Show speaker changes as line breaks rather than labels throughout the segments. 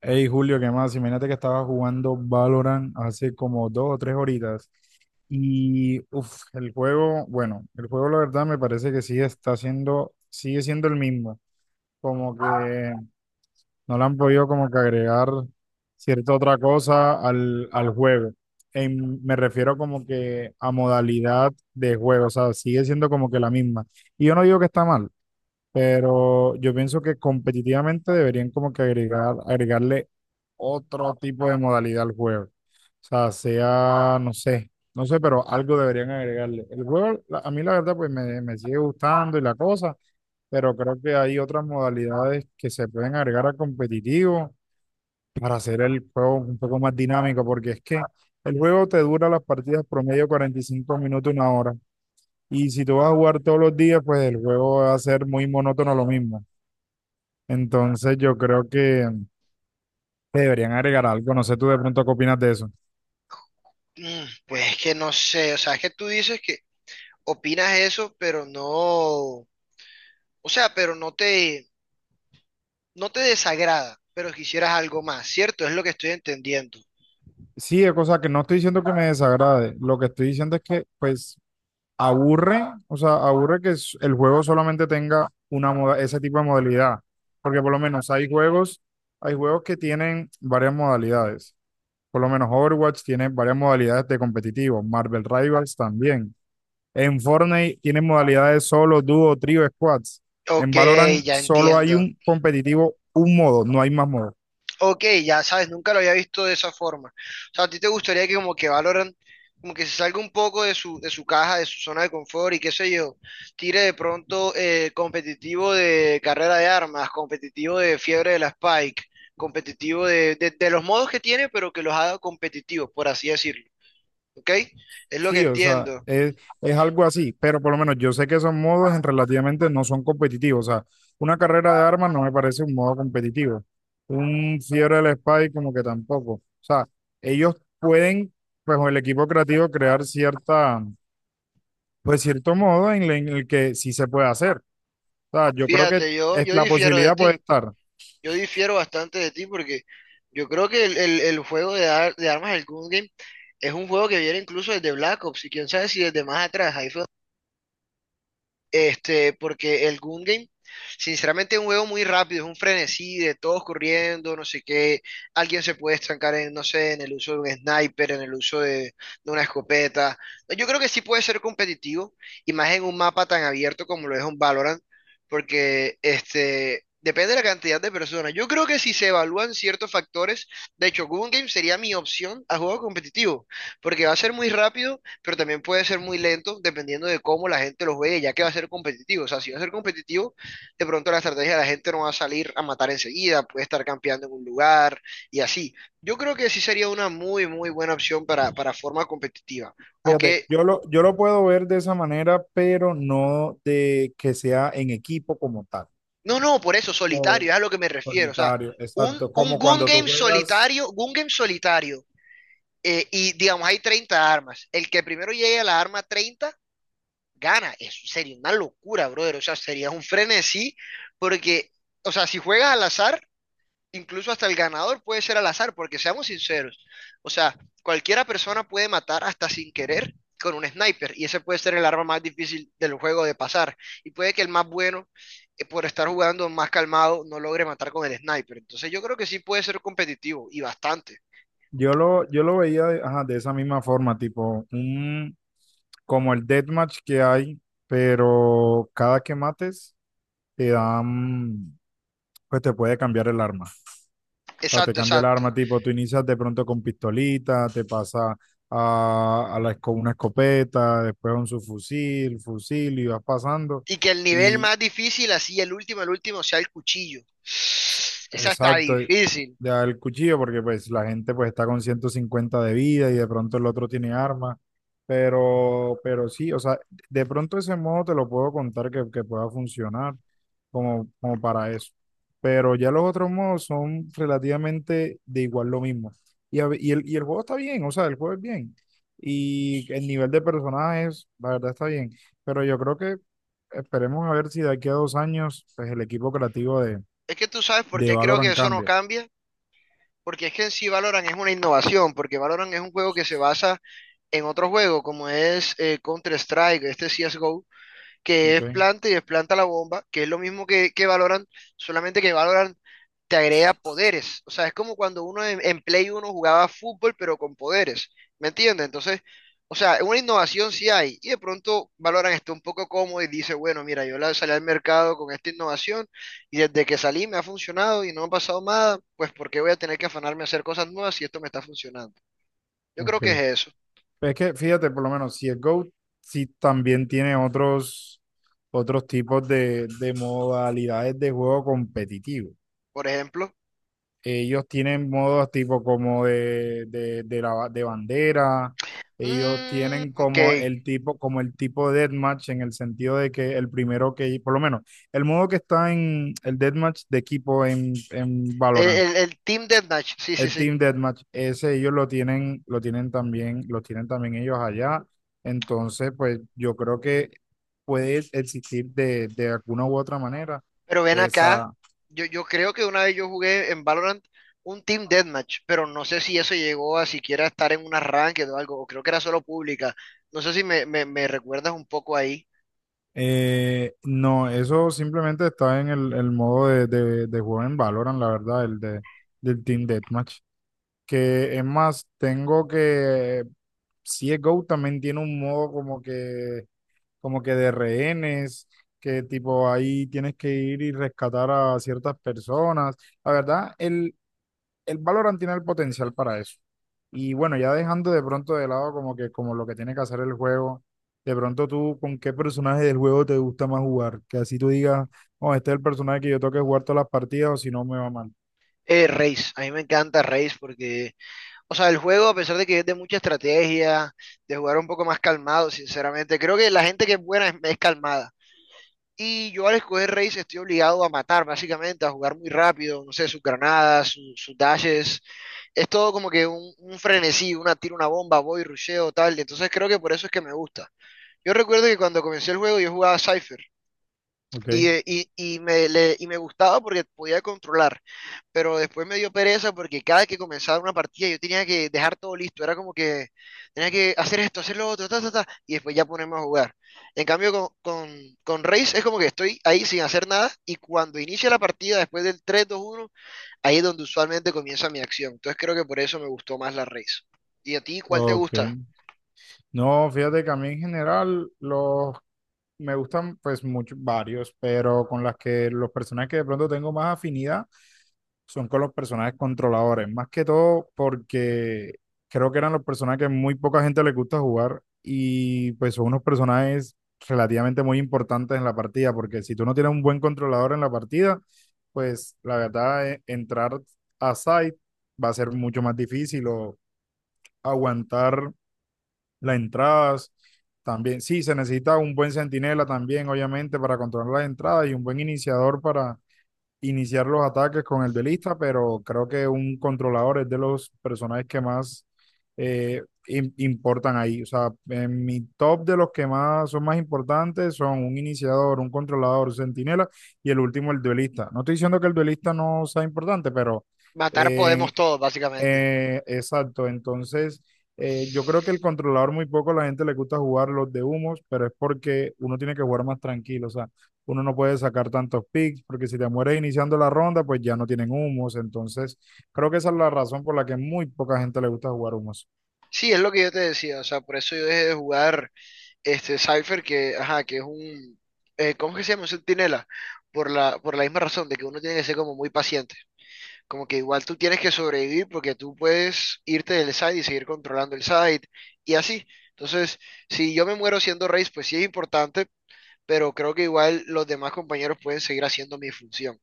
Hey Julio, ¿qué más? Imagínate que estaba jugando Valorant hace como dos o tres horitas y uf, el juego, bueno, el juego la verdad me parece que sigue siendo el mismo, como que no le han podido como que agregar cierta otra cosa al juego. Me refiero como que a modalidad de juego, o sea, sigue siendo como que la misma. Y yo no digo que está mal, pero yo pienso que competitivamente deberían como que agregarle otro tipo de modalidad al juego. O sea, no sé, pero algo deberían agregarle. El juego, a mí la verdad, pues me sigue gustando y la cosa, pero creo que hay otras modalidades que se pueden agregar al competitivo para hacer el juego un poco más dinámico, porque es que el juego te dura las partidas promedio 45 minutos, una hora. Y si tú vas a jugar todos los días, pues el juego va a ser muy monótono lo mismo. Entonces yo creo que deberían agregar algo. No sé tú de pronto qué opinas de eso.
Pues es que no sé, o sea, es que tú dices que opinas eso, pero no, pero no te, no te desagrada, pero quisieras algo más, ¿cierto? Es lo que estoy entendiendo.
Sí, o sea, que no estoy diciendo que me desagrade, lo que estoy diciendo es que, pues, aburre, o sea, aburre que el juego solamente tenga una moda, ese tipo de modalidad, porque por lo menos hay juegos que tienen varias modalidades, por lo menos Overwatch tiene varias modalidades de competitivo, Marvel Rivals también, en Fortnite tienen modalidades solo, dúo, trío, squads, en
Ok,
Valorant
ya
solo hay
entiendo.
un competitivo, un modo, no hay más modos.
Ok, ya sabes, nunca lo había visto de esa forma. O sea, ¿a ti te gustaría que como que Valorant, como que se salga un poco de su caja, de su zona de confort y qué sé yo, tire de pronto competitivo de carrera de armas, competitivo de fiebre de la Spike, competitivo de los modos que tiene, pero que los haga competitivos, por así decirlo. ¿Ok? Es lo que
Sí, o sea,
entiendo.
es algo así, pero por lo menos yo sé que esos modos en relativamente no son competitivos. O sea, una carrera de armas no me parece un modo competitivo. Un Fiebre del Spy como que tampoco. O sea, ellos pueden, pues con el equipo creativo, crear cierta, pues cierto modo en el que sí se puede hacer. O sea, yo creo que
Fíjate,
es,
yo
la
difiero de
posibilidad puede
ti.
estar.
Yo difiero bastante de ti porque yo creo que el juego de armas, el Gun Game, es un juego que viene incluso desde Black Ops y quién sabe si desde más atrás. Ahí fue este, porque el Gun Game, sinceramente, es un juego muy rápido, es un frenesí de todos corriendo, no sé qué. Alguien se puede estancar en, no sé, en el uso de un sniper, en el uso de una escopeta. Yo creo que sí puede ser competitivo, y más en un mapa tan abierto como lo es un Valorant, porque este. Depende de la cantidad de personas. Yo creo que si se evalúan ciertos factores, de hecho, Gun Game sería mi opción a juego competitivo, porque va a ser muy rápido pero también puede ser muy lento dependiendo de cómo la gente los ve, ya que va a ser competitivo. O sea, si va a ser competitivo, de pronto la estrategia de la gente no va a salir a matar enseguida, puede estar campeando en un lugar y así. Yo creo que sí sería una muy, muy buena opción para forma competitiva. O
Fíjate,
que,
yo lo puedo ver de esa manera, pero no de que sea en equipo como tal.
no, no, por eso, solitario, es a lo que me refiero. O sea,
Solitario, exacto.
un
Como
gun
cuando tú
game
juegas,
solitario, gun game solitario. Y digamos, hay 30 armas. El que primero llegue a la arma 30 gana. Eso sería una locura, brother. O sea, sería un frenesí porque, o sea, si juegas al azar, incluso hasta el ganador puede ser al azar, porque seamos sinceros. O sea, cualquiera persona puede matar hasta sin querer con un sniper y ese puede ser el arma más difícil del juego de pasar. Y puede que el más bueno, por estar jugando más calmado, no logre matar con el sniper. Entonces yo creo que sí puede ser competitivo y bastante.
yo lo veía de, ajá, de esa misma forma, tipo, un, como el deathmatch que hay, pero cada que mates te dan, pues te puede cambiar el arma. O sea, te
Exacto,
cambia el
exacto.
arma, tipo, tú inicias de pronto con pistolita, te pasa a una escopeta, después a un subfusil, fusil y vas pasando.
Y que el nivel más difícil, así el último, sea el cuchillo. Esa está
Exacto, de
difícil.
dar el cuchillo porque pues la gente pues está con 150 de vida y de pronto el otro tiene armas, pero sí, o sea, de pronto ese modo te lo puedo contar que pueda funcionar como, como para eso, pero ya los otros modos son relativamente de igual lo mismo. Y, a ve- y el juego está bien, o sea, el juego es bien. Y el nivel de personajes, la verdad está bien, pero yo creo que esperemos a ver si de aquí a dos años, pues el equipo creativo
Es que tú sabes por
de
qué creo que
Valorant
eso no
cambia.
cambia. Porque es que en sí Valorant es una innovación. Porque Valorant es un juego que se basa en otro juego, como es Counter-Strike, este CSGO. Que
Ok,
es planta y desplanta la bomba, que es lo mismo que Valorant, solamente que Valorant te agrega poderes. O sea, es como cuando uno en Play uno jugaba fútbol, pero con poderes. ¿Me entiendes? Entonces, o sea, una innovación sí hay. Y de pronto Valorant está un poco cómodo y dice, bueno, mira, yo la- salí al mercado con esta innovación y desde que salí me ha funcionado y no me ha pasado nada, pues ¿por qué voy a tener que afanarme a hacer cosas nuevas si esto me está funcionando? Yo creo
ok.
que es eso.
Pero es que fíjate, por lo menos, si es Go, sí también tiene otros, otros tipos de modalidades de juego competitivo.
Por ejemplo,
Ellos tienen modos tipo como de bandera. Ellos
mm,
tienen
ok. El,
como el tipo de deathmatch en el sentido de que el primero que, por lo menos, el modo que está en el deathmatch de equipo en Valorant.
el Team Deathmatch, sí, sí,
El
sí.
Team Deathmatch, ese ellos lo tienen también, los tienen también ellos allá. Entonces, pues yo creo que puede existir de alguna u otra manera
Pero ven acá,
esa.
yo creo que una vez yo jugué en Valorant un Team Deathmatch, pero no sé si eso llegó a siquiera estar en un arranque o algo, o creo que era solo pública. No sé si me recuerdas un poco ahí.
Eh, no, eso simplemente está en el modo de juego en Valorant, la verdad, el de, del Team Deathmatch. Que es más, tengo que. CSGO también tiene un modo como que de rehenes, que tipo ahí tienes que ir y rescatar a ciertas personas. La verdad, el Valorant tiene el potencial para eso. Y bueno, ya dejando de pronto de lado como que como lo que tiene que hacer el juego, de pronto tú con qué personaje del juego te gusta más jugar, que así tú digas, oh, este es el personaje que yo tengo que jugar todas las partidas o si no me va mal.
Raze, a mí me encanta Raze porque, o sea, el juego, a pesar de que es de mucha estrategia, de jugar un poco más calmado, sinceramente, creo que la gente que es buena es calmada. Y yo al escoger Raze estoy obligado a matar, básicamente, a jugar muy rápido, no sé, sus granadas, sus dashes. Es todo como que un frenesí, una tira una bomba, voy, rusheo, tal. Y entonces creo que por eso es que me gusta. Yo recuerdo que cuando comencé el juego yo jugaba Cypher
Ok,
y, y y me gustaba porque podía controlar, pero después me dio pereza porque cada vez que comenzaba una partida yo tenía que dejar todo listo, era como que tenía que hacer esto, hacer lo otro, ta, ta, ta, y después ya ponerme a jugar. En cambio con Raze es como que estoy ahí sin hacer nada y cuando inicia la partida después del tres dos uno ahí es donde usualmente comienza mi acción. Entonces creo que por eso me gustó más la race. ¿Y a ti cuál te
ok.
gusta?
No, fíjate que a mí en general los me gustan pues muchos varios, pero con las que los personajes que de pronto tengo más afinidad son con los personajes controladores, más que todo porque creo que eran los personajes que muy poca gente le gusta jugar y pues son unos personajes relativamente muy importantes en la partida, porque si tú no tienes un buen controlador en la partida, pues la verdad entrar a site va a ser mucho más difícil o aguantar las entradas. También, sí, se necesita un buen centinela también, obviamente, para controlar las entradas y un buen iniciador para iniciar los ataques con el duelista, pero creo que un controlador es de los personajes que más eh, importan ahí. O sea, en mi top de los que más son más importantes son un iniciador, un controlador, un centinela y el último, el duelista. No estoy diciendo que el duelista no sea importante, pero
Matar podemos
eh,
todos, básicamente.
exacto, entonces yo creo que el controlador muy poco a la gente le gusta jugar los de humos, pero es porque uno tiene que jugar más tranquilo, o sea, uno no puede sacar tantos picks, porque si te mueres iniciando la ronda, pues ya no tienen humos, entonces creo que esa es la razón por la que muy poca gente le gusta jugar humos.
Sí, es lo que yo te decía, o sea, por eso yo dejé de jugar este Cypher, que, ajá, que es un, ¿cómo que se llama? Un centinela, por por la misma razón, de que uno tiene que ser como muy paciente, como que igual tú tienes que sobrevivir porque tú puedes irte del site y seguir controlando el site, y así. Entonces, si yo me muero siendo race, pues sí es importante, pero creo que igual los demás compañeros pueden seguir haciendo mi función.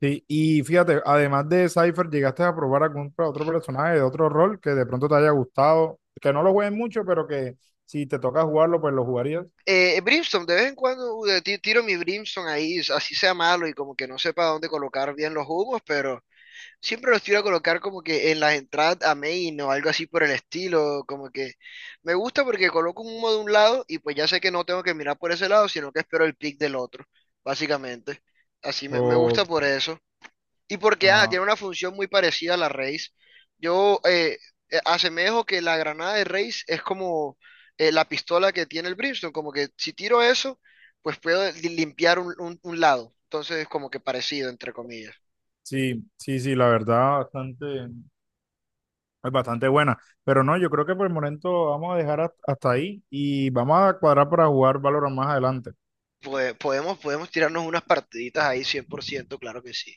Sí, y fíjate, además de Cypher, ¿llegaste a probar algún otro personaje de otro rol que de pronto te haya gustado? Que no lo jueguen mucho, pero que si te toca jugarlo, pues lo jugarías.
Brimstone, de vez en cuando tiro mi Brimstone ahí, así sea malo y como que no sepa dónde colocar bien los humos, pero siempre los tiro a colocar como que en las entradas a main o algo así por el estilo, como que me gusta porque coloco un humo de un lado y pues ya sé que no tengo que mirar por ese lado, sino que espero el pick del otro, básicamente. Así me gusta
O,
por eso. Y porque ah, tiene una función muy parecida a la raíz. Yo asemejo que la granada de raíz es como la pistola que tiene el Brimstone, como que si tiro eso, pues puedo limpiar un, un lado. Entonces es como que parecido, entre comillas.
sí, sí, sí, la verdad bastante, es bastante buena. Pero no, yo creo que por el momento vamos a dejar hasta ahí y vamos a cuadrar para jugar Valorant más adelante.
Podemos, podemos tirarnos unas partiditas ahí 100%, claro que sí.